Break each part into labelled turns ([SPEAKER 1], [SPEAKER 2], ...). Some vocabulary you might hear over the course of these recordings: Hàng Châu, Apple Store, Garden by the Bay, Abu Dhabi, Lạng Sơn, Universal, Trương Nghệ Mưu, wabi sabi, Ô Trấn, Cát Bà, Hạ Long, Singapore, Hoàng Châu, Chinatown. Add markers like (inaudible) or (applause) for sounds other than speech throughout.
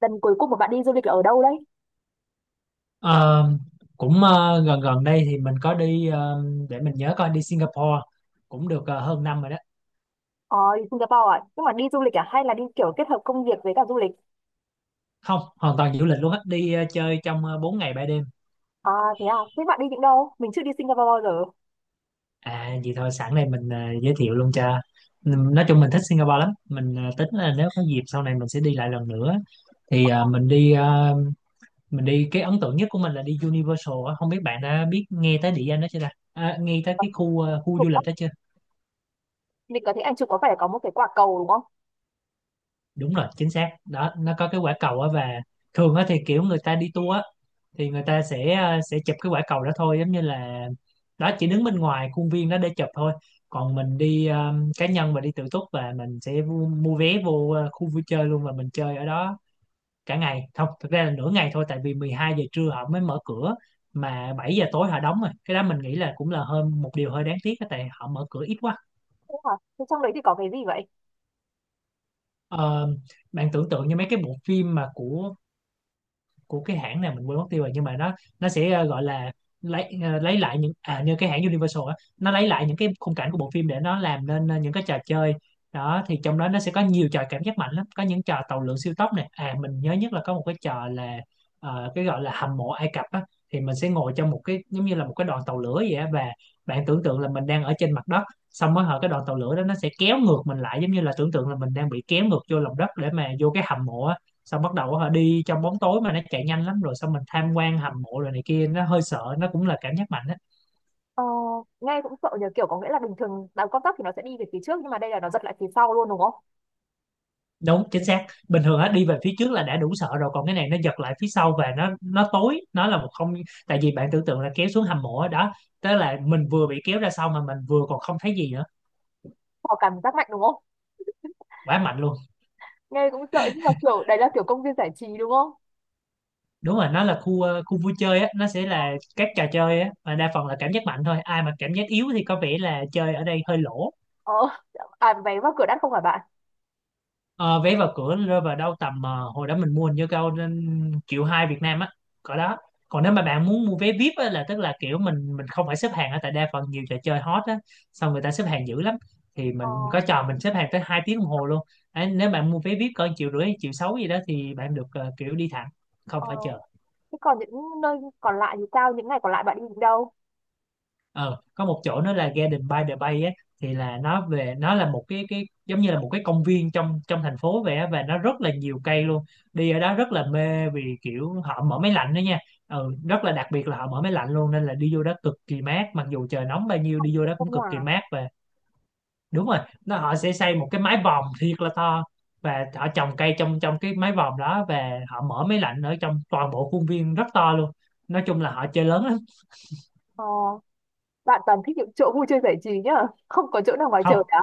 [SPEAKER 1] Lần cuối cùng mà bạn đi du lịch là ở đâu đấy?
[SPEAKER 2] Ờ, Cũng gần gần đây thì mình có đi, để mình nhớ coi, đi Singapore cũng được hơn năm rồi đó.
[SPEAKER 1] Ờ Đi Singapore à, nhưng mà đi du lịch à hay là đi kiểu kết hợp công việc với cả du lịch?
[SPEAKER 2] Không, hoàn toàn du lịch luôn á, đi chơi trong 4 ngày 3 đêm.
[SPEAKER 1] À, thế à? Thế bạn đi những đâu? Mình chưa đi Singapore bao giờ.
[SPEAKER 2] À, vậy thôi, sẵn đây mình giới thiệu luôn cho. Nói chung mình thích Singapore lắm, mình tính là nếu có dịp sau này mình sẽ đi lại lần nữa. Thì ờ, mình đi ờ, Mình đi, cái ấn tượng nhất của mình là đi Universal á. Không biết bạn đã biết, nghe tới địa danh đó chưa ta? À, nghe tới cái khu, khu
[SPEAKER 1] Ủa,
[SPEAKER 2] du lịch đó chưa?
[SPEAKER 1] mình có thấy anh chụp, có phải có một cái quả cầu đúng không?
[SPEAKER 2] Đúng rồi, chính xác đó, nó có cái quả cầu á, và thường á thì kiểu người ta đi tour á, thì người ta sẽ chụp cái quả cầu đó thôi, giống như là đó, chỉ đứng bên ngoài khuôn viên đó để chụp thôi. Còn mình đi cá nhân và đi tự túc, và mình sẽ mua vé vô khu vui chơi luôn, và mình chơi ở đó cả ngày. Không, thực ra là nửa ngày thôi, tại vì 12 giờ trưa họ mới mở cửa, mà 7 giờ tối họ đóng rồi. Cái đó mình nghĩ là cũng là hơn, một điều hơi đáng tiếc á, tại họ mở cửa ít quá.
[SPEAKER 1] Thế à? Thế trong đấy thì có cái gì vậy?
[SPEAKER 2] Ờ, Bạn tưởng tượng như mấy cái bộ phim mà của cái hãng này mình quên mất tiêu rồi, nhưng mà nó sẽ gọi là lấy lại những, à, như cái hãng Universal á, nó lấy lại những cái khung cảnh của bộ phim để nó làm nên những cái trò chơi. Đó thì trong đó nó sẽ có nhiều trò cảm giác mạnh lắm, có những trò tàu lượn siêu tốc này. À, mình nhớ nhất là có một cái trò là cái gọi là hầm mộ Ai Cập á. Thì mình sẽ ngồi trong một cái giống như là một cái đoàn tàu lửa vậy á, và bạn tưởng tượng là mình đang ở trên mặt đất, xong mới hở cái đoàn tàu lửa đó, nó sẽ kéo ngược mình lại, giống như là tưởng tượng là mình đang bị kéo ngược vô lòng đất để mà vô cái hầm mộ á. Xong bắt đầu họ đi trong bóng tối mà nó chạy nhanh lắm, rồi xong mình tham quan hầm mộ rồi này kia, nó hơi sợ, nó cũng là cảm giác mạnh á.
[SPEAKER 1] Ờ. Nghe cũng sợ nhờ, kiểu có nghĩa là bình thường đào con tắc thì nó sẽ đi về phía trước nhưng mà đây là nó giật lại phía sau luôn đúng không?
[SPEAKER 2] Đúng chính xác, bình thường á đi về phía trước là đã đủ sợ rồi, còn cái này nó giật lại phía sau và nó tối, nó là một không. Tại vì bạn tưởng tượng là kéo xuống hầm mộ á, đó. Tức là mình vừa bị kéo ra sau mà mình vừa còn không thấy gì nữa.
[SPEAKER 1] Có cảm giác mạnh đúng không?
[SPEAKER 2] Quá mạnh luôn.
[SPEAKER 1] Nghe cũng sợ nhưng mà kiểu đấy là kiểu công viên giải trí đúng không?
[SPEAKER 2] Đúng rồi, nó là khu, khu vui chơi á, nó sẽ là các trò chơi á mà đa phần là cảm giác mạnh thôi, ai mà cảm giác yếu thì có vẻ là chơi ở đây hơi lỗ.
[SPEAKER 1] Ờ. À, vé vào cửa đắt không phải bạn?
[SPEAKER 2] Ờ, Vé vào cửa rơi vào đâu tầm, hồi đó mình mua hình như cao nên triệu hai Việt Nam á, cỡ đó. Còn nếu mà bạn muốn mua vé VIP á, là tức là kiểu mình không phải xếp hàng ở, tại đa phần nhiều trò chơi hot á, xong người ta xếp hàng dữ lắm. Thì mình
[SPEAKER 1] Ờ.
[SPEAKER 2] có trò mình xếp hàng tới 2 tiếng đồng hồ luôn. Đấy, nếu bạn mua vé VIP cỡ triệu rưỡi triệu sáu gì đó thì bạn được kiểu đi thẳng, không
[SPEAKER 1] Ờ.
[SPEAKER 2] phải chờ.
[SPEAKER 1] Thế còn những nơi còn lại thì sao? Những ngày còn lại bạn đi đến đâu?
[SPEAKER 2] Ờ có một chỗ nó là Garden by the Bay á, thì là nó về, nó là một cái giống như là một cái công viên trong trong thành phố vậy á, và nó rất là nhiều cây luôn. Đi ở đó rất là mê vì kiểu họ mở máy lạnh đó nha, ừ, rất là đặc biệt là họ mở máy lạnh luôn, nên là đi vô đó cực kỳ mát, mặc dù trời nóng bao nhiêu
[SPEAKER 1] Không,
[SPEAKER 2] đi vô
[SPEAKER 1] cũng
[SPEAKER 2] đó cũng
[SPEAKER 1] trong
[SPEAKER 2] cực kỳ
[SPEAKER 1] nhà.
[SPEAKER 2] mát và đúng rồi. Nó họ sẽ xây một cái mái vòm thiệt là to, và họ trồng cây trong trong cái mái vòm đó, và họ mở máy lạnh ở trong toàn bộ khuôn viên rất to luôn. Nói chung là họ chơi lớn lắm.
[SPEAKER 1] ờ, Bạn toàn thích những chỗ vui chơi giải trí nhá. Không có chỗ nào ngoài trời
[SPEAKER 2] Không
[SPEAKER 1] cả.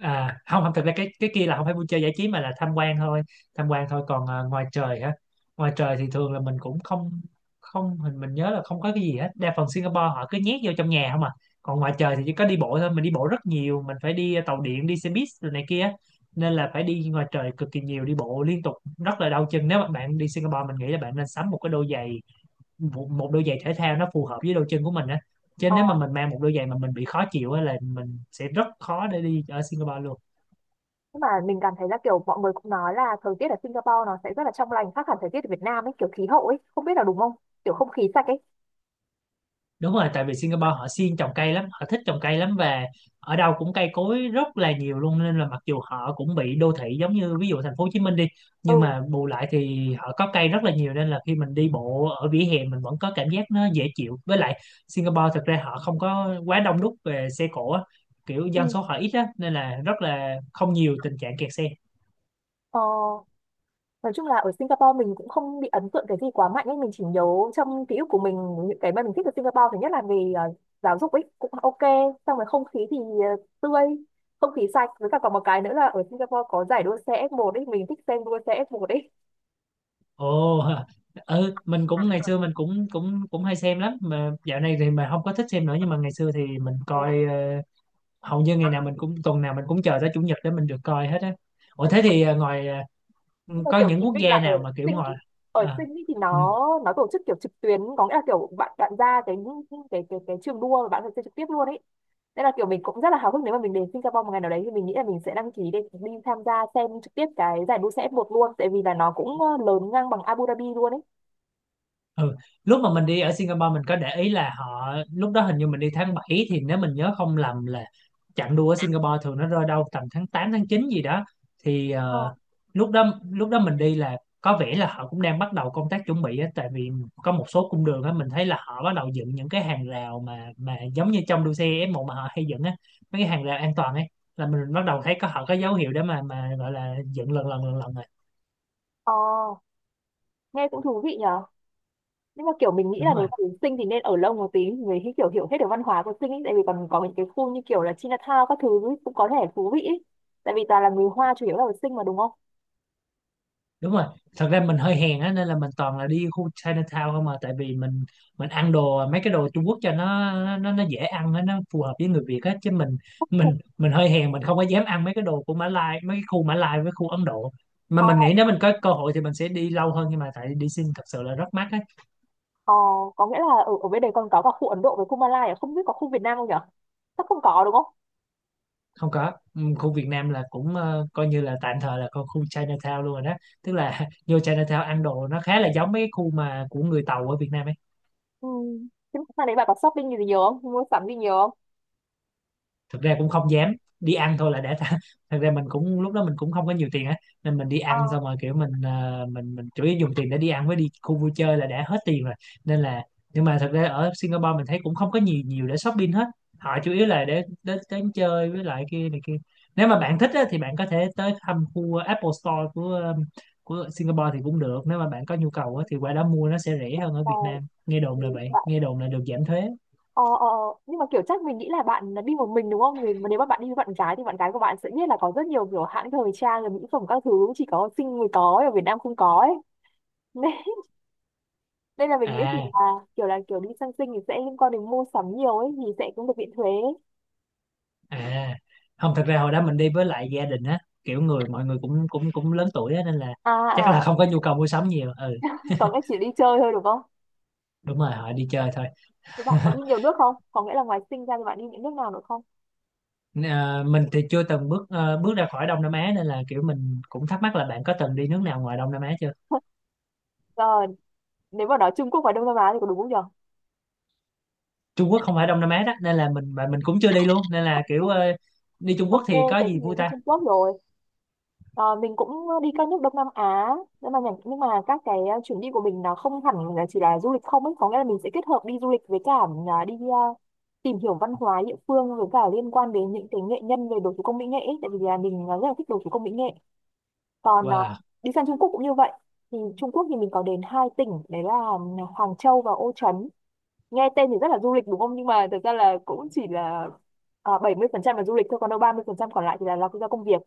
[SPEAKER 2] à, không không, thật ra cái kia là không phải vui chơi giải trí mà là tham quan thôi. Tham quan thôi. Còn ngoài trời hả? Ngoài trời thì thường là mình cũng không, không, mình nhớ là không có cái gì hết, đa phần Singapore họ cứ nhét vô trong nhà không à. Còn ngoài trời thì chỉ có đi bộ thôi, mình đi bộ rất nhiều, mình phải đi, à, tàu điện, đi xe buýt rồi này kia, nên là phải đi ngoài trời cực kỳ nhiều, đi bộ liên tục, rất là đau chân. Nếu mà bạn đi Singapore, mình nghĩ là bạn nên sắm một cái đôi giày, một đôi giày thể thao nó phù hợp với đôi chân của mình á, chứ
[SPEAKER 1] ờ,
[SPEAKER 2] nếu mà mình mang một đôi giày mà mình bị khó chịu á, là mình sẽ rất khó để đi ở Singapore luôn.
[SPEAKER 1] nhưng mà mình cảm thấy là kiểu mọi người cũng nói là thời tiết ở Singapore nó sẽ rất là trong lành khác hẳn thời tiết ở Việt Nam ấy, kiểu khí hậu ấy, không biết là đúng không? Kiểu không khí sạch ấy.
[SPEAKER 2] Đúng rồi, tại vì Singapore họ siêng trồng cây lắm, họ thích trồng cây lắm, và ở đâu cũng cây cối rất là nhiều luôn, nên là mặc dù họ cũng bị đô thị giống như ví dụ thành phố Hồ Chí Minh đi,
[SPEAKER 1] Ừ.
[SPEAKER 2] nhưng mà bù lại thì họ có cây rất là nhiều nên là khi mình đi bộ ở vỉa hè mình vẫn có cảm giác nó dễ chịu. Với lại Singapore thật ra họ không có quá đông đúc về xe cộ á, kiểu dân
[SPEAKER 1] Ừ.
[SPEAKER 2] số họ ít á nên là rất là không nhiều tình trạng kẹt xe.
[SPEAKER 1] Ờ. Nói chung là ở Singapore mình cũng không bị ấn tượng cái gì quá mạnh ấy, mình chỉ nhớ trong ký ức của mình những cái mà mình thích ở Singapore thứ nhất là về giáo dục ấy cũng OK, xong rồi không khí thì tươi, không khí sạch với cả còn một cái nữa là ở Singapore có giải đua xe F1 ấy, mình thích xem đua xe F1
[SPEAKER 2] Ồ! (laughs) Ừ, mình cũng ngày xưa mình cũng cũng cũng hay xem lắm, mà dạo này thì mà không có thích xem nữa, nhưng mà ngày xưa thì mình coi, hầu như ngày nào mình cũng, tuần nào mình cũng chờ tới chủ nhật để mình được coi hết á. Ủa
[SPEAKER 1] ấy.
[SPEAKER 2] thế thì, à, ngoài, à,
[SPEAKER 1] Nhưng mà
[SPEAKER 2] có
[SPEAKER 1] kiểu
[SPEAKER 2] những
[SPEAKER 1] chị
[SPEAKER 2] quốc
[SPEAKER 1] Vinh là
[SPEAKER 2] gia
[SPEAKER 1] ở
[SPEAKER 2] nào mà kiểu
[SPEAKER 1] sinh ý.
[SPEAKER 2] ngoài,
[SPEAKER 1] Ở
[SPEAKER 2] à,
[SPEAKER 1] sinh ý thì
[SPEAKER 2] ừ.
[SPEAKER 1] nó tổ chức kiểu trực tuyến, có nghĩa là kiểu bạn bạn ra cái trường đua mà bạn phải chơi trực tiếp luôn ấy, nên là kiểu mình cũng rất là háo hức nếu mà mình đến Singapore một ngày nào đấy thì mình nghĩ là mình sẽ đăng ký để đi tham gia xem trực tiếp cái giải đua xe F1 luôn, tại vì là nó cũng lớn ngang bằng Abu Dhabi luôn ấy.
[SPEAKER 2] Ừ. Lúc mà mình đi ở Singapore, mình có để ý là họ, lúc đó hình như mình đi tháng 7, thì nếu mình nhớ không lầm là chặng đua ở Singapore thường nó rơi đâu tầm tháng 8 tháng 9 gì đó. thì
[SPEAKER 1] Ờ.
[SPEAKER 2] ờ, lúc đó mình đi là có vẻ là họ cũng đang bắt đầu công tác chuẩn bị á, tại vì có một số cung đường á mình thấy là họ bắt đầu dựng những cái hàng rào mà giống như trong đua xe F1 mà họ hay dựng á, mấy cái hàng rào an toàn ấy, là mình bắt đầu thấy có họ có dấu hiệu để mà gọi là dựng lần lần rồi.
[SPEAKER 1] Ờ. Nghe cũng thú vị nhỉ. Nhưng mà kiểu mình nghĩ
[SPEAKER 2] Đúng
[SPEAKER 1] là nếu
[SPEAKER 2] rồi.
[SPEAKER 1] mà đến Sinh thì nên ở lâu một tí thì mới kiểu hiểu hết được văn hóa của Sinh ấy. Tại vì còn có những cái khu như kiểu là Chinatown các thứ ấy, cũng có thể thú vị ấy. Tại vì toàn là người Hoa chủ yếu là ở Sinh mà đúng không?
[SPEAKER 2] Đúng rồi, thật ra mình hơi hèn á nên là mình toàn là đi khu Chinatown không à, tại vì mình ăn đồ, mấy cái đồ Trung Quốc cho nó dễ ăn á, nó phù hợp với người Việt á, chứ mình, mình hơi hèn, mình không có dám ăn mấy cái đồ của Mã Lai, mấy cái khu Mã Lai với khu Ấn Độ. Mà
[SPEAKER 1] Ờ.
[SPEAKER 2] mình nghĩ nếu mình có cơ hội thì mình sẽ đi lâu hơn, nhưng mà tại đi xin thật sự là rất mắc á.
[SPEAKER 1] Ờ. Có nghĩa là ở bên đấy còn có cả khu Ấn Độ với khu Malai à? Không biết có khu Việt Nam không nhở? Chắc không có đúng không?
[SPEAKER 2] Không có. Khu Việt Nam là cũng coi như là tạm thời là con khu Chinatown luôn rồi đó, tức là (laughs) vô Chinatown ăn đồ nó khá là giống mấy cái khu mà của người Tàu ở Việt Nam.
[SPEAKER 1] Ừ. Thế mà sang đấy bạn có shopping gì nhiều không? Mua sắm gì nhiều
[SPEAKER 2] Thực ra cũng không dám, đi ăn thôi là đã (laughs) thật ra mình cũng, lúc đó mình cũng không có nhiều tiền á, nên mình đi ăn
[SPEAKER 1] không?
[SPEAKER 2] xong rồi kiểu mình mình chủ yếu dùng tiền để đi ăn với đi khu vui chơi là đã hết tiền rồi, nên là, nhưng mà thật ra ở Singapore mình thấy cũng không có nhiều nhiều để shopping hết, họ chủ yếu là để đến đến chơi với lại kia này kia. Nếu mà bạn thích á, thì bạn có thể tới thăm khu Apple Store của của Singapore thì cũng được, nếu mà bạn có nhu cầu á, thì qua đó mua nó sẽ rẻ hơn ở
[SPEAKER 1] ờ,
[SPEAKER 2] Việt Nam, nghe đồn là vậy,
[SPEAKER 1] là-
[SPEAKER 2] nghe đồn là được giảm thuế.
[SPEAKER 1] Ờ, ờ, ờ. Nhưng mà kiểu chắc mình nghĩ là bạn đi một mình đúng không? Vì mà nếu mà bạn đi với bạn gái thì bạn gái của bạn sẽ biết là có rất nhiều kiểu hãng thời trang, rồi mỹ phẩm các thứ chỉ có Sing mới có, ở Việt Nam không có ấy. (laughs) Nên, nên là mình nghĩ kiểu
[SPEAKER 2] À.
[SPEAKER 1] là kiểu là kiểu đi sang Sing thì sẽ liên quan đến mua sắm nhiều ấy thì sẽ cũng được miễn thuế.
[SPEAKER 2] À, không, thật ra hồi đó mình đi với lại gia đình á, kiểu người mọi người cũng cũng cũng lớn tuổi á nên là
[SPEAKER 1] À,
[SPEAKER 2] chắc là
[SPEAKER 1] à,
[SPEAKER 2] không có nhu cầu mua sắm nhiều. Ừ,
[SPEAKER 1] còn cái chỉ đi chơi thôi đúng không?
[SPEAKER 2] đúng rồi, họ đi chơi thôi.
[SPEAKER 1] Thì bạn có
[SPEAKER 2] (laughs)
[SPEAKER 1] đi nhiều nước không? Có nghĩa là ngoài Sing ra thì bạn đi những nước nào nữa không?
[SPEAKER 2] Ờ, mình thì chưa từng bước ra khỏi Đông Nam Á, nên là kiểu mình cũng thắc mắc là bạn có từng đi nước nào ngoài Đông Nam Á chưa?
[SPEAKER 1] Rồi, nếu mà nói Trung Quốc và Đông Nam Á thì có đúng không nhỉ?
[SPEAKER 2] Trung Quốc không phải Đông Nam Á đó, nên là mình, mà mình cũng chưa đi luôn, nên là kiểu đi Trung Quốc
[SPEAKER 1] OK,
[SPEAKER 2] thì có
[SPEAKER 1] thế thì
[SPEAKER 2] gì vui
[SPEAKER 1] mình đi
[SPEAKER 2] ta?
[SPEAKER 1] Trung Quốc rồi. Ờ, mình cũng đi các nước Đông Nam Á nhưng mà nhưng mà các cái chuyến đi của mình nó không hẳn là chỉ là du lịch không ấy, có nghĩa là mình sẽ kết hợp đi du lịch với cả đi tìm hiểu văn hóa địa phương với cả liên quan đến những cái nghệ nhân về đồ thủ công mỹ nghệ ấy. Tại vì là mình rất là thích đồ thủ công mỹ nghệ, còn
[SPEAKER 2] Wow.
[SPEAKER 1] đi sang Trung Quốc cũng như vậy. Thì Trung Quốc thì mình có đến hai tỉnh đấy là Hoàng Châu và Ô Trấn. Nghe tên thì rất là du lịch đúng không nhưng mà thật ra là cũng chỉ là 70% là du lịch thôi, còn đâu 30% còn lại thì là lo do công việc.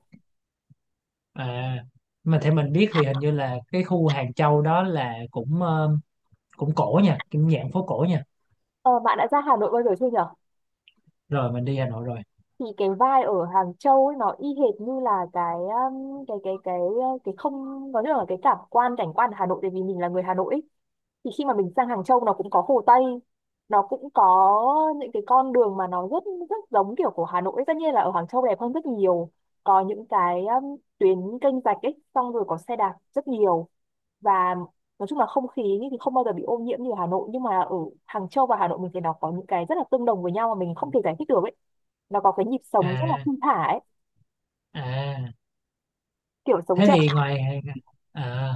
[SPEAKER 2] À, mà theo mình biết thì hình như là cái khu Hàng Châu đó là cũng cũng cổ nha, cũng dạng phố cổ nha.
[SPEAKER 1] Ờ, bạn đã ra Hà Nội bao giờ chưa nhỉ?
[SPEAKER 2] Rồi, mình đi Hà Nội rồi.
[SPEAKER 1] Thì cái vai ở Hàng Châu ấy nó y hệt như là cái không, có nghĩa là cái cảm quan cảnh quan ở Hà Nội, tại vì mình là người Hà Nội ấy. Thì khi mà mình sang Hàng Châu nó cũng có Hồ Tây, nó cũng có những cái con đường mà nó rất rất giống kiểu của Hà Nội ấy. Tất nhiên là ở Hàng Châu đẹp hơn rất nhiều, có những cái tuyến kênh rạch ấy, xong rồi có xe đạp rất nhiều, và nói chung là không khí thì không bao giờ bị ô nhiễm như ở Hà Nội, nhưng mà ở Hàng Châu và Hà Nội mình thấy nó có những cái rất là tương đồng với nhau mà mình không thể giải thích được ấy, nó có cái nhịp sống rất là
[SPEAKER 2] À.
[SPEAKER 1] thong thả ấy,
[SPEAKER 2] À,
[SPEAKER 1] kiểu sống
[SPEAKER 2] thế
[SPEAKER 1] chậm.
[SPEAKER 2] thì ngoài, à,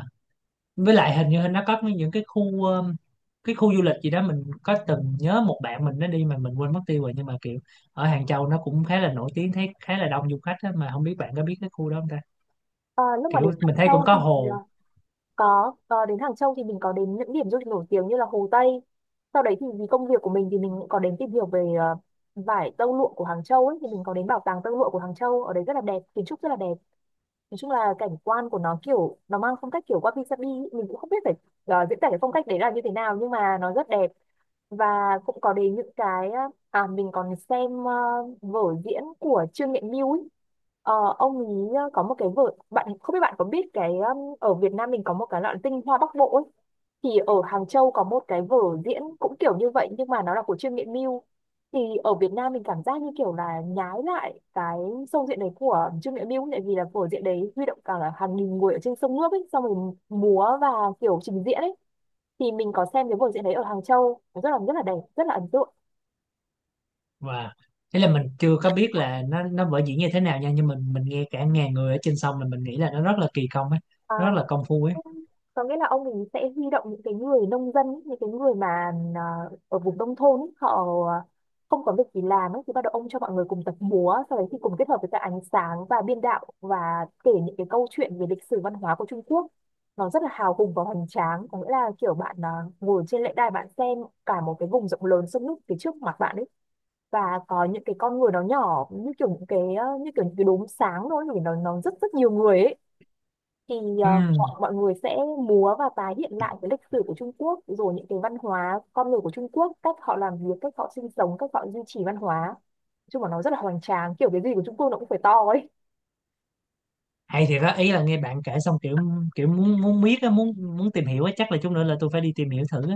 [SPEAKER 2] với lại hình như nó có mấy những cái khu, cái khu du lịch gì đó mình có từng nhớ một bạn mình nó đi mà mình quên mất tiêu rồi, nhưng mà kiểu ở Hàng Châu nó cũng khá là nổi tiếng, thấy khá là đông du khách á, mà không biết bạn có biết cái khu đó không ta?
[SPEAKER 1] Ờ, lúc mà
[SPEAKER 2] Kiểu
[SPEAKER 1] đến Hàng
[SPEAKER 2] mình thấy cũng
[SPEAKER 1] Châu
[SPEAKER 2] có
[SPEAKER 1] thì
[SPEAKER 2] hồ.
[SPEAKER 1] có đến Hàng Châu thì mình có đến những điểm du lịch nổi tiếng như là Hồ Tây. Sau đấy thì vì công việc của mình thì mình cũng có đến tìm hiểu về vải tơ lụa của Hàng Châu ấy, thì mình có đến bảo tàng tơ lụa của Hàng Châu ở đấy rất là đẹp, kiến trúc rất là đẹp. Nói chung là cảnh quan của nó kiểu nó mang phong cách kiểu wabi sabi ý. Mình cũng không biết phải diễn tả cái phong cách đấy là như thế nào nhưng mà nó rất đẹp, và cũng có đến những cái à, mình còn xem vở diễn của Trương Nghệ Mưu ấy. Ờ, ông ấy có một cái vở, bạn không biết bạn có biết cái ở Việt Nam mình có một cái loại tinh hoa Bắc Bộ ấy. Thì ở Hàng Châu có một cái vở diễn cũng kiểu như vậy nhưng mà nó là của Trương Nghệ Mưu. Thì ở Việt Nam mình cảm giác như kiểu là nhái lại cái sâu diện đấy của Trương Nghệ Mưu, tại vì là vở diễn đấy huy động cả hàng nghìn người ở trên sông nước ấy, xong rồi múa và kiểu trình diễn ấy. Thì mình có xem cái vở diễn đấy ở Hàng Châu, rất là đẹp, rất là ấn tượng.
[SPEAKER 2] Và thế là mình chưa có biết là nó vở diễn như thế nào nha, nhưng mình nghe cả ngàn người ở trên sông là mình nghĩ là nó rất là kỳ công ấy, nó rất
[SPEAKER 1] À,
[SPEAKER 2] là công phu ấy.
[SPEAKER 1] có nghĩa là ông ấy sẽ huy động những cái người nông dân ấy, những cái người mà ở vùng nông thôn ấy, họ không có việc gì làm ấy, thì bắt đầu ông cho mọi người cùng tập múa sau đấy thì cùng kết hợp với cả ánh sáng và biên đạo và kể những cái câu chuyện về lịch sử văn hóa của Trung Quốc. Nó rất là hào hùng và hoành tráng, có nghĩa là kiểu bạn ngồi trên lễ đài bạn xem cả một cái vùng rộng lớn sông nước phía trước mặt bạn ấy, và có những cái con người nó nhỏ như kiểu những cái như kiểu những cái đốm sáng thôi, vì nó rất rất nhiều người ấy. Thì
[SPEAKER 2] Ừ,
[SPEAKER 1] mọi mọi người sẽ múa và tái hiện lại cái lịch sử của Trung Quốc, rồi những cái văn hóa con người của Trung Quốc, cách họ làm việc, cách họ sinh sống, cách họ duy trì văn hóa. Nói chung là nó rất là hoành tráng, kiểu cái gì của Trung Quốc nó cũng phải to ấy.
[SPEAKER 2] hay thiệt á, ý là nghe bạn kể xong kiểu, kiểu muốn muốn biết á, muốn muốn tìm hiểu á, chắc là chút nữa là tôi phải đi tìm hiểu thử á.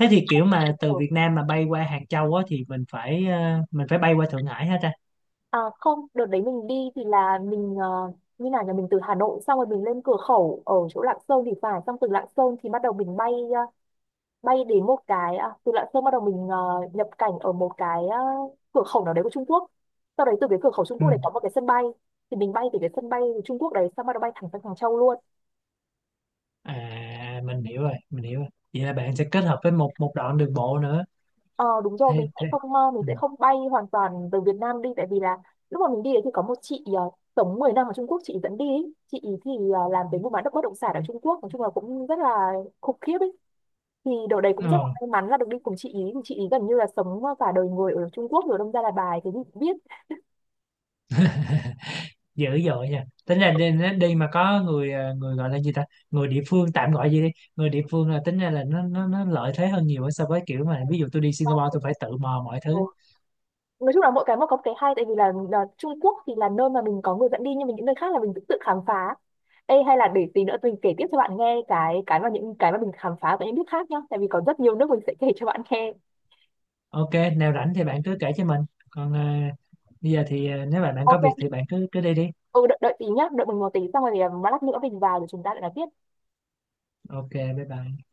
[SPEAKER 2] Thế thì kiểu mà từ
[SPEAKER 1] Kiểu,
[SPEAKER 2] Việt Nam mà bay qua Hàng Châu á, thì mình phải mình phải bay qua Thượng Hải hả ta?
[SPEAKER 1] à, không, đợt đấy mình đi thì là mình như nào nhà mình từ Hà Nội xong rồi mình lên cửa khẩu ở chỗ Lạng Sơn thì phải, xong từ Lạng Sơn thì bắt đầu mình bay bay đến một cái, à, từ Lạng Sơn bắt đầu mình nhập cảnh ở một cái cửa khẩu nào đấy của Trung Quốc. Sau đấy từ cái cửa khẩu Trung
[SPEAKER 2] Ừ.
[SPEAKER 1] Quốc đấy có một cái sân bay, thì mình bay từ cái sân bay của Trung Quốc đấy xong bắt đầu bay thẳng sang Hàng Châu luôn.
[SPEAKER 2] À, mình hiểu rồi, mình hiểu rồi, vậy là bạn sẽ kết hợp với một một đoạn đường bộ nữa.
[SPEAKER 1] Ờ, đúng rồi, mình
[SPEAKER 2] Thế.
[SPEAKER 1] sẽ
[SPEAKER 2] Thế.
[SPEAKER 1] không ờ, mình
[SPEAKER 2] Ừ.
[SPEAKER 1] sẽ không bay hoàn toàn từ Việt Nam đi, tại vì là lúc mà mình đi đấy thì có một chị sống 10 năm ở Trung Quốc, chị dẫn đi ấy. Chị ý thì làm về mua bán đất bất động sản ở Trung Quốc nói chung là cũng rất là khủng khiếp ấy. Thì đợt đấy cũng rất là
[SPEAKER 2] Ờ,
[SPEAKER 1] may mắn là được đi cùng chị ý. Thì chị ý gần như là sống cả đời người ở Trung Quốc rồi đâm ra là bài cái gì cũng biết.
[SPEAKER 2] Dữ dội nha, tính ra đi, đi mà có người, người gọi là gì ta, người địa phương tạm gọi gì đi, người địa phương là tính ra là nó lợi thế hơn nhiều so với kiểu mà ví dụ tôi đi Singapore tôi phải tự mò mọi
[SPEAKER 1] Ờ,
[SPEAKER 2] thứ.
[SPEAKER 1] nói chung là mỗi cái một có một cái hay, tại vì là Trung Quốc thì là nơi mà mình có người dẫn đi nhưng mà những nơi khác là mình tự tự khám phá. Ê, hay là để tí nữa mình kể tiếp cho bạn nghe cái mà những cái mà mình khám phá tại những nước khác nhá, tại vì có rất nhiều nước mình sẽ kể cho bạn nghe.
[SPEAKER 2] Ok, nào rảnh thì bạn cứ kể cho mình. Còn, à, bây giờ thì, à, nếu mà bạn có việc
[SPEAKER 1] OK.
[SPEAKER 2] thì bạn cứ cứ đi đi.
[SPEAKER 1] Ừ, đợi tí nhá, đợi mình một tí xong rồi thì, lát nữa mình vào rồi chúng ta lại nói tiếp.
[SPEAKER 2] Ok, bye bye.